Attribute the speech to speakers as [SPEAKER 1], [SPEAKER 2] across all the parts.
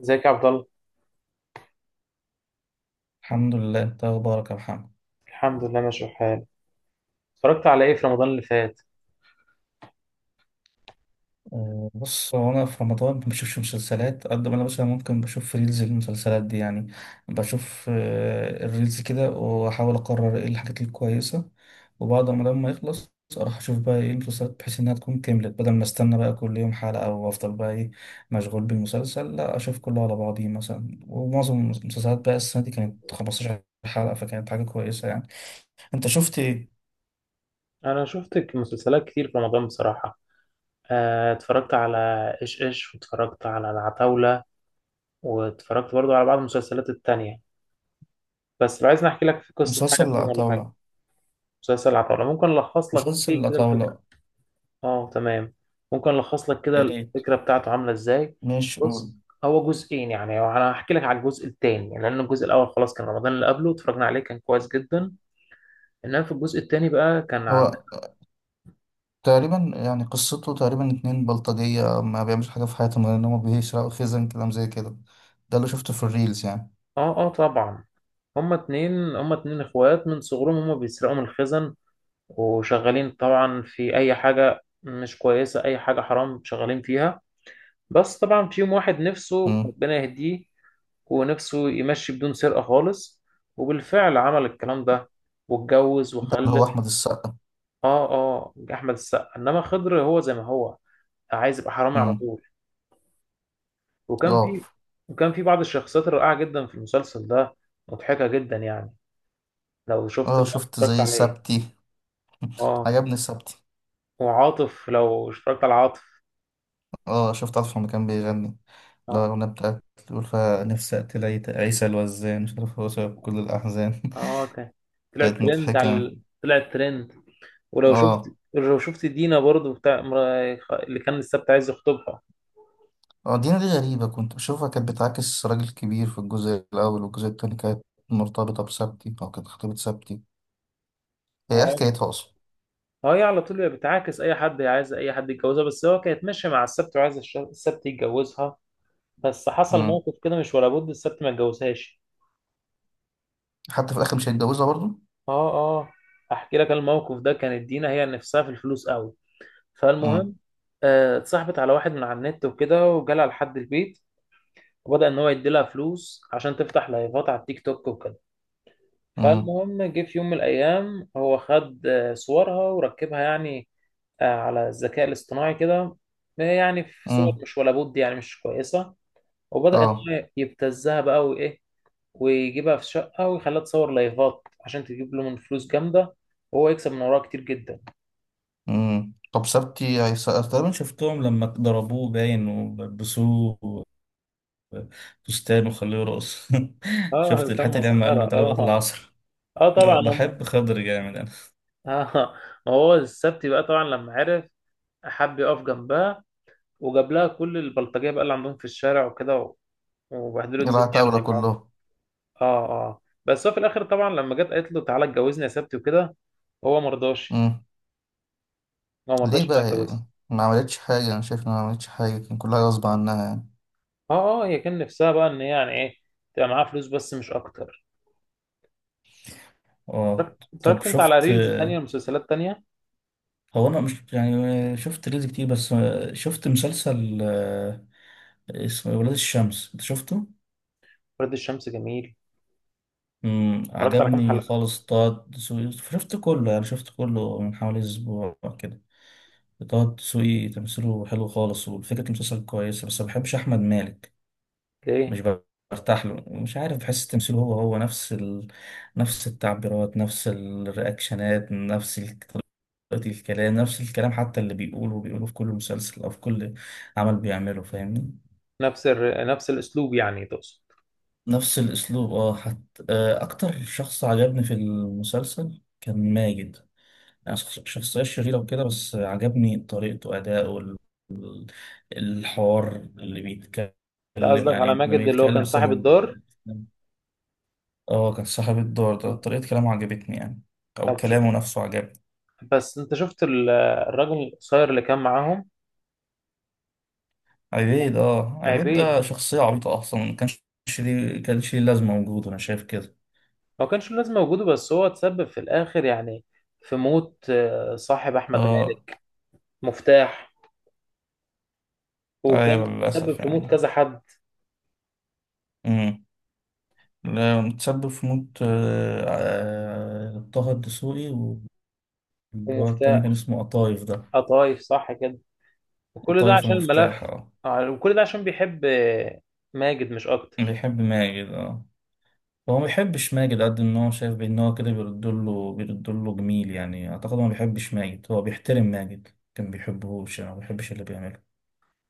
[SPEAKER 1] ازيك يا عبد الله؟
[SPEAKER 2] الحمد لله، انت اخبارك يا محمد؟
[SPEAKER 1] الحمد لله، ماشي الحال. اتفرجت على ايه في رمضان اللي فات؟
[SPEAKER 2] بص هو انا في رمضان ما بشوفش مسلسلات قد ما انا مثلا ممكن بشوف ريلز المسلسلات دي يعني. بشوف الريلز كده واحاول اقرر ايه الحاجات الكويسه، وبعد ما لما يخلص اروح اشوف بقى ايه المسلسلات بحيث انها تكون كملت، بدل ما استنى بقى كل يوم حلقه او افضل بقى ايه مشغول بالمسلسل، لا اشوف كله على بعضيه مثلا. ومعظم المسلسلات بقى السنه دي كانت 15 حلقه، فكانت حاجه كويسه يعني. انت شفت ايه؟
[SPEAKER 1] انا شفت مسلسلات كتير في رمضان بصراحه. اتفرجت على ايش ايش، واتفرجت على العتاوله، واتفرجت برضو على بعض المسلسلات التانية. بس لو عايز نحكي لك في قصه حاجه،
[SPEAKER 2] مسلسل لا
[SPEAKER 1] فيلم ولا حاجه؟
[SPEAKER 2] طاوله.
[SPEAKER 1] مسلسل العتاوله ممكن الخص لك
[SPEAKER 2] مسلسل
[SPEAKER 1] فيه
[SPEAKER 2] لا
[SPEAKER 1] كده الفكره.
[SPEAKER 2] طاوله.
[SPEAKER 1] اه، تمام. ممكن الخص لك كده
[SPEAKER 2] يا ريت،
[SPEAKER 1] الفكره بتاعته عامله ازاي؟
[SPEAKER 2] ماشي قول.
[SPEAKER 1] بص، هو جزئين، يعني انا هحكي لك على الجزء الثاني، لان الجزء الاول خلاص كان رمضان اللي قبله اتفرجنا عليه، كان كويس جدا. انما في الجزء الثاني بقى كان عن.
[SPEAKER 2] هو تقريبا يعني قصته تقريبا اتنين بلطجية ما بيعملش حاجة في حياتهم غير إن هما بيسرقوا خزن، كلام زي كده. ده اللي شفته في الريلز يعني.
[SPEAKER 1] اه، اه، طبعا. هما اتنين اخوات من صغرهم، هما بيسرقوا من الخزن، وشغالين طبعا في اي حاجة مش كويسة، اي حاجة حرام شغالين فيها. بس طبعا في يوم واحد نفسه
[SPEAKER 2] مم.
[SPEAKER 1] ربنا يهديه، ونفسه يمشي بدون سرقة خالص، وبالفعل عمل الكلام ده واتجوز
[SPEAKER 2] ده اللي
[SPEAKER 1] وخلف.
[SPEAKER 2] هو أحمد السقا.
[SPEAKER 1] اه، اه، احمد السقا، انما خضر هو زي ما هو، عايز يبقى حرامي على
[SPEAKER 2] مم.
[SPEAKER 1] طول. وكان
[SPEAKER 2] اه
[SPEAKER 1] في وكان في بعض الشخصيات الرائعة جدا في المسلسل ده، مضحكة جدا يعني. لو شفت
[SPEAKER 2] اه،
[SPEAKER 1] اللي
[SPEAKER 2] شفت
[SPEAKER 1] اتفرجت
[SPEAKER 2] زي
[SPEAKER 1] عليه.
[SPEAKER 2] سبتي.
[SPEAKER 1] اه.
[SPEAKER 2] عجبني سبتي.
[SPEAKER 1] وعاطف، لو اشتركت على عاطف.
[SPEAKER 2] اه شفت، عارف لما كان بيغني؟ لا،
[SPEAKER 1] اه،
[SPEAKER 2] الأغنية بتاعت، بيقول فيها نفسي أقتل عيسى الوزان، مش عارف هو سبب كل الأحزان.
[SPEAKER 1] اه، اوكي.
[SPEAKER 2] كانت مضحكة.
[SPEAKER 1] طلع ترند. ولو شفت
[SPEAKER 2] اه
[SPEAKER 1] لو شفت دينا برضو اللي كان السبت عايز يخطبها.
[SPEAKER 2] اه، دينا دي غريبة، كنت بشوفها كانت بتعاكس راجل كبير في الجزء الأول، والجزء التاني كانت مرتبطة بسبتي أو كانت خطيبة سبتي. هي إيه
[SPEAKER 1] اه،
[SPEAKER 2] حكايتها أصلا؟
[SPEAKER 1] اه، هي على طول بتعاكس اي حد، هي عايزه اي حد يتجوزها، بس هو كانت ماشيه مع السبت، وعايز السبت يتجوزها. بس حصل
[SPEAKER 2] مم.
[SPEAKER 1] موقف كده مش ولا بد، السبت ما اتجوزهاش.
[SPEAKER 2] حتى في الآخر مش هيتجوزها برضو؟
[SPEAKER 1] اه، اه، احكي لك الموقف ده. كانت دينا هي نفسها في الفلوس قوي.
[SPEAKER 2] مم.
[SPEAKER 1] فالمهم، اتصاحبت على واحد من على النت وكده، وجالها لحد البيت، وبدأ إن هو يديلها فلوس عشان تفتح لايفات على التيك توك وكده.
[SPEAKER 2] مم.
[SPEAKER 1] فالمهم، جه في يوم من الأيام هو خد صورها وركبها، يعني على الذكاء الاصطناعي كده. يعني في صور
[SPEAKER 2] مم.
[SPEAKER 1] مش ولا بد، يعني مش كويسة. وبدأ إن
[SPEAKER 2] اه.
[SPEAKER 1] هو يبتزها بقى وإيه، ويجيبها في شقة ويخليها تصور لايفات عشان تجيب له من فلوس جامدة، وهو يكسب من وراها كتير جدا.
[SPEAKER 2] مم. طب سبتي هيسقف تقريبا؟ تقريبا شفتهم لما ضربوه باين ولبسوه فستان وخلوه رقص.
[SPEAKER 1] اه،
[SPEAKER 2] شفت
[SPEAKER 1] كان
[SPEAKER 2] الحته اللي لما قال
[SPEAKER 1] مسخرة،
[SPEAKER 2] له تعالى وقت
[SPEAKER 1] اه.
[SPEAKER 2] العصر.
[SPEAKER 1] اه، طبعا هم.
[SPEAKER 2] بحب خضر جامد انا.
[SPEAKER 1] اه. ما هو السبت بقى طبعا لما عرف، حب يقف جنبها، وجاب لها كل البلطجيه بقى اللي عندهم في الشارع وكده، وبهدلوا الدنيا يعني
[SPEAKER 2] العتاولة
[SPEAKER 1] ورجعوه.
[SPEAKER 2] كلهم.
[SPEAKER 1] اه، اه، بس هو في الاخر طبعا لما جت قالت له تعالى اتجوزني يا سبتي وكده، هو ما رضاش.
[SPEAKER 2] مم.
[SPEAKER 1] هو ما
[SPEAKER 2] ليه
[SPEAKER 1] رضاش انها
[SPEAKER 2] بقى؟
[SPEAKER 1] يتجوزها.
[SPEAKER 2] ما عملتش حاجة، أنا شايف إنها ما عملتش حاجة، كان كلها غصب عنها يعني.
[SPEAKER 1] اه، اه، هي كان نفسها بقى ان هي يعني ايه، تبقى معاها فلوس بس مش اكتر.
[SPEAKER 2] اه. طب
[SPEAKER 1] اتفرجت انت على
[SPEAKER 2] شفت،
[SPEAKER 1] ريلز تانية ومسلسلات تانية؟
[SPEAKER 2] هو انا مش يعني شفت ريلز كتير بس. شفت مسلسل اسمه إيه، ولاد الشمس، انت شفته؟
[SPEAKER 1] ورد الشمس جميل.
[SPEAKER 2] امم،
[SPEAKER 1] اتفرجت على كام
[SPEAKER 2] عجبني
[SPEAKER 1] حلقة؟
[SPEAKER 2] خالص. طه دسوقي، شفت كله يعني شفت كله من حوالي اسبوع كده. طه دسوقي تمثيله حلو خالص وفكرة المسلسل كويسة، بس ما بحبش احمد مالك.
[SPEAKER 1] ليه؟
[SPEAKER 2] مش برتاح له، مش عارف، بحس تمثيله هو نفس نفس التعبيرات، نفس الرياكشنات، نفس طريقة الكلام، نفس الكلام، حتى اللي بيقوله بيقوله في كل مسلسل أو في كل عمل بيعمله، فاهمني.
[SPEAKER 1] نفس الاسلوب يعني تقصد؟
[SPEAKER 2] نفس الأسلوب اه، حتى أكتر شخص عجبني في المسلسل كان ماجد. يعني شخصية شريرة وكده، بس عجبني طريقته، أداؤه ال- الحوار اللي
[SPEAKER 1] انت
[SPEAKER 2] بيتكلم.
[SPEAKER 1] قصدك على
[SPEAKER 2] يعني لما
[SPEAKER 1] ماجد اللي هو
[SPEAKER 2] يتكلم
[SPEAKER 1] كان صاحب
[SPEAKER 2] سنة،
[SPEAKER 1] الدار؟
[SPEAKER 2] اه كان صاحب الدور ده، طريقة كلامه عجبتني يعني، أو
[SPEAKER 1] طب ش-
[SPEAKER 2] كلامه نفسه عجبني.
[SPEAKER 1] بس انت شفت الراجل القصير اللي كان معاهم؟
[SPEAKER 2] عبيد، اه عبيد
[SPEAKER 1] عيب.
[SPEAKER 2] ده شخصية عبيطة أصلا، ما كانش ليه، كانش ليه لازمة وجوده، أنا شايف كده.
[SPEAKER 1] ما كانش له لازمة وجوده، بس هو اتسبب في الآخر يعني، في موت صاحب أحمد
[SPEAKER 2] اه
[SPEAKER 1] مالك. مفتاح. وكان
[SPEAKER 2] أيوة
[SPEAKER 1] تسبب
[SPEAKER 2] للأسف
[SPEAKER 1] في موت
[SPEAKER 2] يعني.
[SPEAKER 1] كذا حد.
[SPEAKER 2] امم، لا، متسبب في موت طه الدسوقي واللي هو التاني كان
[SPEAKER 1] ومفتاح.
[SPEAKER 2] اسمه قطايف ده.
[SPEAKER 1] قطايف، صح كده. وكل ده
[SPEAKER 2] قطايف
[SPEAKER 1] عشان
[SPEAKER 2] مفتاح
[SPEAKER 1] الملف.
[SPEAKER 2] اه.
[SPEAKER 1] وكل ده عشان بيحب ماجد مش أكتر.
[SPEAKER 2] بيحب ماجد اه. هو ما بيحبش ماجد قد ان هو شايف بان هو كده بيرد له جميل، يعني اعتقد هو ما بيحبش ماجد، هو بيحترم ماجد. كان بيحبهوش يعني ما بيحبش اللي بيعمله.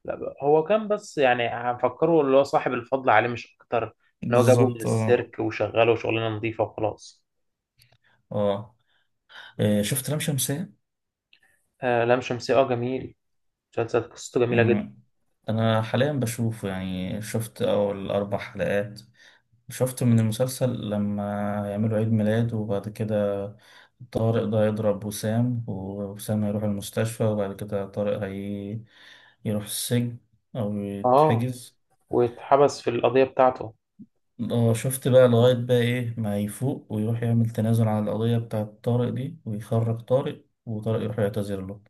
[SPEAKER 1] لا بقى، هو كان بس يعني هنفكره اللي هو صاحب الفضل عليه مش أكتر، إن هو جابه من
[SPEAKER 2] بالظبط اه.
[SPEAKER 1] السيرك وشغله شغلانة نظيفة وخلاص.
[SPEAKER 2] اه، شفت لام شمسية؟
[SPEAKER 1] آه، لام شمسية، أه جميل. مسلسل قصته جميلة جدا.
[SPEAKER 2] مم. انا حاليا بشوفه يعني شفت اول اربع حلقات. شفت من المسلسل لما يعملوا عيد ميلاد وبعد كده طارق ده يضرب وسام، ووسام هيروح المستشفى، وبعد كده طارق هي يروح السجن او
[SPEAKER 1] أه.
[SPEAKER 2] يتحجز.
[SPEAKER 1] واتحبس في القضية بتاعته.
[SPEAKER 2] اه شفت بقى لغاية بقى ايه ما يفوق ويروح يعمل تنازل على القضية بتاعة طارق دي، ويخرج طارق، وطارق يروح يعتذر له.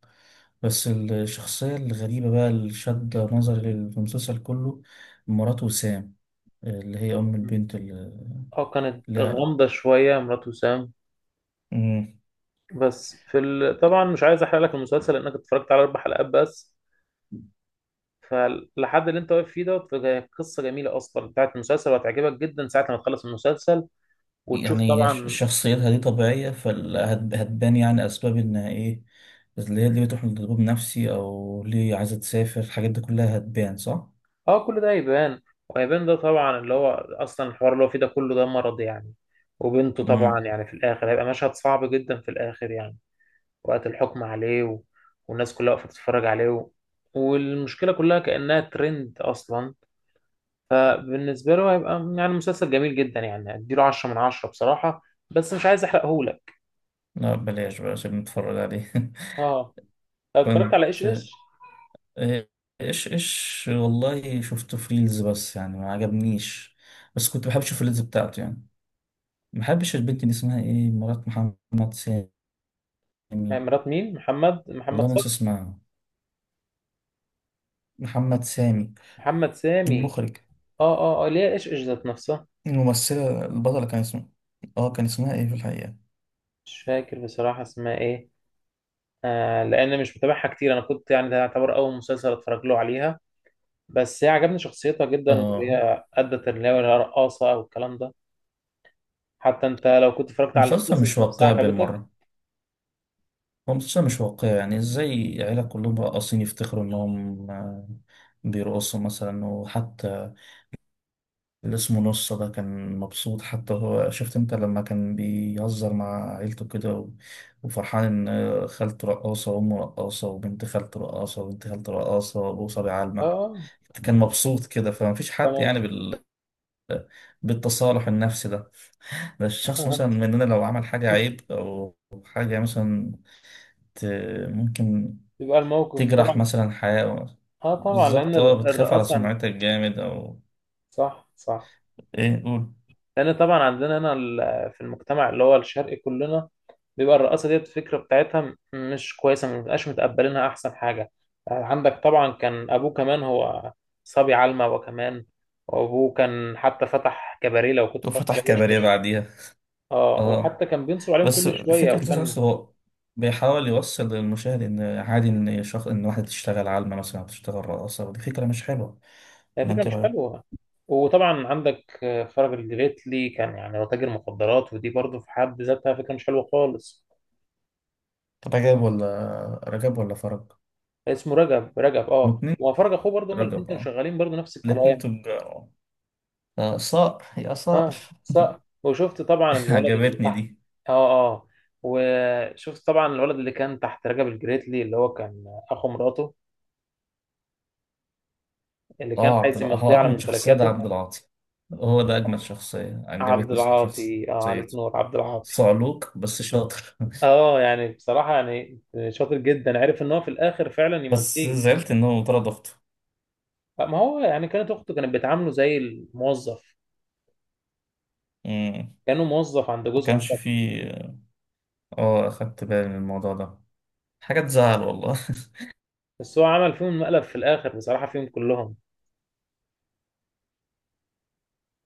[SPEAKER 2] بس الشخصية الغريبة بقى اللي شد نظري في المسلسل كله، مرات وسام، اللي هي أم البنت
[SPEAKER 1] اه، كانت
[SPEAKER 2] اللي-
[SPEAKER 1] غامضة شوية مرات وسام.
[SPEAKER 2] مم.
[SPEAKER 1] بس في طبعا مش عايز احرق لك المسلسل، لانك اتفرجت على اربع حلقات بس. فلحد اللي انت واقف فيه دوت، هي قصة جميلة اصلا بتاعت المسلسل، وهتعجبك جدا ساعة ما تخلص المسلسل وتشوف
[SPEAKER 2] يعني
[SPEAKER 1] طبعا.
[SPEAKER 2] شخصيتها دي طبيعية، فهتبان يعني أسباب إنها إيه، اللي هي اللي بتروح لدكتور نفسي أو ليه عايزة تسافر، الحاجات دي كلها هتبان صح؟
[SPEAKER 1] اه، كل ده هيبان. وهيبان ده طبعا اللي هو اصلا الحوار اللي هو فيه ده كله، ده مرض يعني. وبنته
[SPEAKER 2] مم.
[SPEAKER 1] طبعا، يعني في الاخر هيبقى مشهد صعب جدا في الاخر يعني، وقت الحكم عليه والناس كلها واقفة تتفرج عليه والمشكلة كلها كأنها ترند اصلا. فبالنسبة له هيبقى يعني مسلسل جميل جدا، يعني اديله 10 من 10 بصراحة. بس مش عايز احرقهولك.
[SPEAKER 2] لا بلاش بقى عشان نتفرج عليه.
[SPEAKER 1] اه، طب اتفرجت على ايش
[SPEAKER 2] كنت
[SPEAKER 1] ايش؟
[SPEAKER 2] آه، ايش ايش، والله شفته في ريلز بس، يعني ما عجبنيش. بس كنت بحب اشوف الريلز بتاعته يعني. ما بحبش البنت دي، اسمها ايه، مرات محمد سامي.
[SPEAKER 1] مع مرات مين؟ محمد
[SPEAKER 2] والله ناسي
[SPEAKER 1] صبحي؟
[SPEAKER 2] اسمها. محمد سامي
[SPEAKER 1] محمد سامي.
[SPEAKER 2] المخرج.
[SPEAKER 1] اه، اه، اه، ليه؟ ايش ايش ذات نفسها.
[SPEAKER 2] الممثلة البطلة كان اسمها، اه كان اسمها ايه في الحقيقة.
[SPEAKER 1] مش فاكر بصراحة اسمها ايه. لان مش متابعها كتير، انا كنت يعني ده يعتبر اول مسلسل اتفرج له عليها. بس هي عجبني شخصيتها جدا،
[SPEAKER 2] اه.
[SPEAKER 1] وهي ادت اللي هي الرقاصة او الكلام ده. حتى انت لو كنت اتفرجت على
[SPEAKER 2] مسلسل مش
[SPEAKER 1] القصص نفسها
[SPEAKER 2] واقعي
[SPEAKER 1] عجبتك.
[SPEAKER 2] بالمرة. هو مسلسل مش واقعي، يعني ازاي عيلة كلهم راقصين يفتخروا انهم بيرقصوا مثلا؟ وحتى اللي اسمه نصة ده كان مبسوط، حتى هو شفت انت لما كان بيهزر مع عيلته كده وفرحان ان خالته رقاصة وامه رقاصة وبنت خالته رقاصة وبنت خالته رقاصة وابوه صبي
[SPEAKER 1] اه.
[SPEAKER 2] علمة.
[SPEAKER 1] آه،
[SPEAKER 2] كان مبسوط كده، فمفيش حد
[SPEAKER 1] تمام.
[SPEAKER 2] يعني بالتصالح النفسي ده. ده الشخص مثلا مننا لو عمل حاجة عيب أو حاجة مثلا ت... ممكن
[SPEAKER 1] يبقى الموقف
[SPEAKER 2] تجرح
[SPEAKER 1] طبعا.
[SPEAKER 2] مثلا حياة.
[SPEAKER 1] اه، طبعا لان
[SPEAKER 2] بالظبط اه، بتخاف على
[SPEAKER 1] الرقاصه.
[SPEAKER 2] سمعتك جامد أو
[SPEAKER 1] صح، صح.
[SPEAKER 2] إيه، قول.
[SPEAKER 1] لان طبعا عندنا هنا في المجتمع اللي هو الشرقي كلنا، بيبقى الرقاصه ديت الفكره بتاعتها مش كويسه، ما بنبقاش متقبلينها، احسن حاجه عندك طبعا كان ابوه كمان هو صبي علمة. وكمان وابوه كان حتى فتح كباريه لو كنت اتفرجت
[SPEAKER 2] وفتح
[SPEAKER 1] عليه
[SPEAKER 2] كباريه
[SPEAKER 1] وشكش.
[SPEAKER 2] بعديها
[SPEAKER 1] اه،
[SPEAKER 2] اه.
[SPEAKER 1] وحتى كان بينصب عليهم
[SPEAKER 2] بس
[SPEAKER 1] كل شويه
[SPEAKER 2] فكرة الفيلم
[SPEAKER 1] وكان.
[SPEAKER 2] نفسه هو بيحاول يوصل للمشاهد إن عادي إن شخص إن واحدة تشتغل عالمة مثلا أو تشتغل رقاصة، ودي فكرة مش حلوة،
[SPEAKER 1] هي
[SPEAKER 2] ولا
[SPEAKER 1] فكره
[SPEAKER 2] أنت إيه
[SPEAKER 1] مش
[SPEAKER 2] رأيك؟
[SPEAKER 1] حلوه. وطبعا عندك فرج الجريتلي كان يعني هو تاجر مخدرات، ودي برضه في حد ذاتها فكره مش حلوه خالص.
[SPEAKER 2] طب رجب ولا فرج؟
[SPEAKER 1] اسمه رجب، رجب، اه،
[SPEAKER 2] الاتنين.
[SPEAKER 1] وفرج اخوه برضه، هما الاثنين
[SPEAKER 2] رجب
[SPEAKER 1] كانوا
[SPEAKER 2] أه.
[SPEAKER 1] شغالين برضه نفس
[SPEAKER 2] الاتنين
[SPEAKER 1] الكلام.
[SPEAKER 2] تجار. صقر يا صقر.
[SPEAKER 1] اه، صح، وشفت طبعا الولد اللي
[SPEAKER 2] عجبتني
[SPEAKER 1] تحت.
[SPEAKER 2] دي.
[SPEAKER 1] اه، اه، وشفت طبعا الولد اللي كان تحت رجب الجريتلي، اللي هو كان اخو مراته، اللي كان
[SPEAKER 2] أه
[SPEAKER 1] عايز يمضي
[SPEAKER 2] هو
[SPEAKER 1] على
[SPEAKER 2] أجمد شخصية ده
[SPEAKER 1] ممتلكاته.
[SPEAKER 2] عبد العاطي. هو ده أجمد شخصية
[SPEAKER 1] عبد
[SPEAKER 2] عجبتني صح،
[SPEAKER 1] العاطي، اه، عليك
[SPEAKER 2] شخصيته
[SPEAKER 1] نور عبد العاطي.
[SPEAKER 2] صعلوك بس شاطر.
[SPEAKER 1] اه، يعني بصراحة يعني شاطر جدا، عرف ان هو في الاخر فعلا
[SPEAKER 2] بس
[SPEAKER 1] يمضيه.
[SPEAKER 2] زعلت إنه طرد أخته.
[SPEAKER 1] ما هو يعني كانت اخته كانت بتعامله زي الموظف،
[SPEAKER 2] مم.
[SPEAKER 1] كانه موظف عند
[SPEAKER 2] ما
[SPEAKER 1] جوزها مش
[SPEAKER 2] كانش
[SPEAKER 1] أكتر.
[SPEAKER 2] فيه، اه اخدت بالي من الموضوع ده، حاجة تزعل والله.
[SPEAKER 1] بس هو عمل فيهم مقلب في الاخر بصراحه، فيهم كلهم.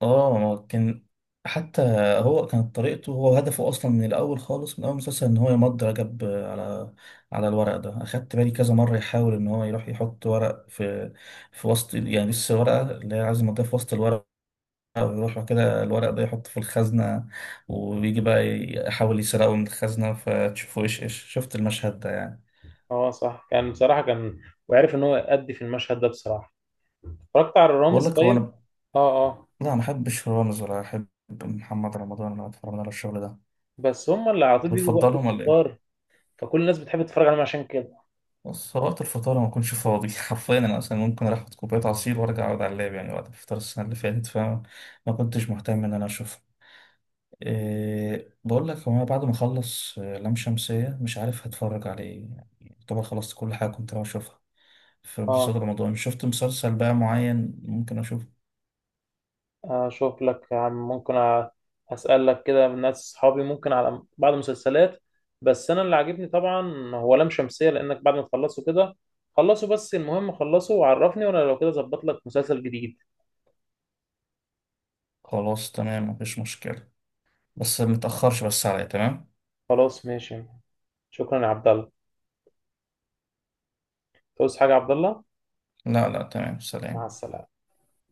[SPEAKER 2] اه كان، حتى هو كانت طريقته، هو هدفه اصلا من الاول خالص من اول مسلسل ان هو يمضي رجب على الورق ده. اخدت بالي كذا مرة يحاول ان هو يروح يحط ورق في وسط، يعني لسه ورقة اللي هي عايز يمضيها في وسط الورق، ويروح كده الورق ده يحطه في الخزنة، ويجي بقى يحاول يسرقه من الخزنة، فتشوفه ايش ايش، شفت المشهد ده يعني.
[SPEAKER 1] اه، صح، كان بصراحه كان، وعرف ان هو يأدي في المشهد ده بصراحه. اتفرجت على
[SPEAKER 2] بقول
[SPEAKER 1] الرامز
[SPEAKER 2] لك هو
[SPEAKER 1] طيب؟
[SPEAKER 2] انا،
[SPEAKER 1] اه، اه.
[SPEAKER 2] لا ما احبش رامز، ولا احب محمد رمضان، ولا اتفرج على الشغل ده.
[SPEAKER 1] بس هم اللي على طول
[SPEAKER 2] انت
[SPEAKER 1] بيجوا وقت
[SPEAKER 2] بتفضلهم ولا ايه؟
[SPEAKER 1] الفطار، فكل الناس بتحب تتفرج عليهم عشان كده.
[SPEAKER 2] بص، هو وقت الفطار ما اكونش فاضي. حرفيا انا مثلا ممكن اروح اخد كوبايه عصير وارجع اقعد على اللاب، يعني وقت الفطار السنه اللي فاتت فما كنتش مهتم ان انا اشوفه. إيه بقول لك، هو انا بعد ما اخلص لام شمسيه مش عارف هتفرج على ايه، يعني طبعا خلصت كل حاجه كنت ناوي اشوفها في مسلسل
[SPEAKER 1] اه،
[SPEAKER 2] رمضان، شفت مسلسل بقى معين ممكن اشوفه.
[SPEAKER 1] اشوف لك يا عم، ممكن اسالك كده من ناس اصحابي، ممكن على بعض المسلسلات. بس انا اللي عاجبني طبعا هو لام شمسيه، لانك بعد ما تخلصوا كده، خلصوا، بس المهم خلصوا وعرفني، وانا لو كده ظبط لك مسلسل جديد.
[SPEAKER 2] خلاص تمام مفيش مشكله، بس متأخرش بس عليا تمام.
[SPEAKER 1] خلاص ماشي. شكرا يا عبد الله. توصي حاجة يا عبد الله؟
[SPEAKER 2] لا لا تمام،
[SPEAKER 1] مع
[SPEAKER 2] سلام.
[SPEAKER 1] السلامة.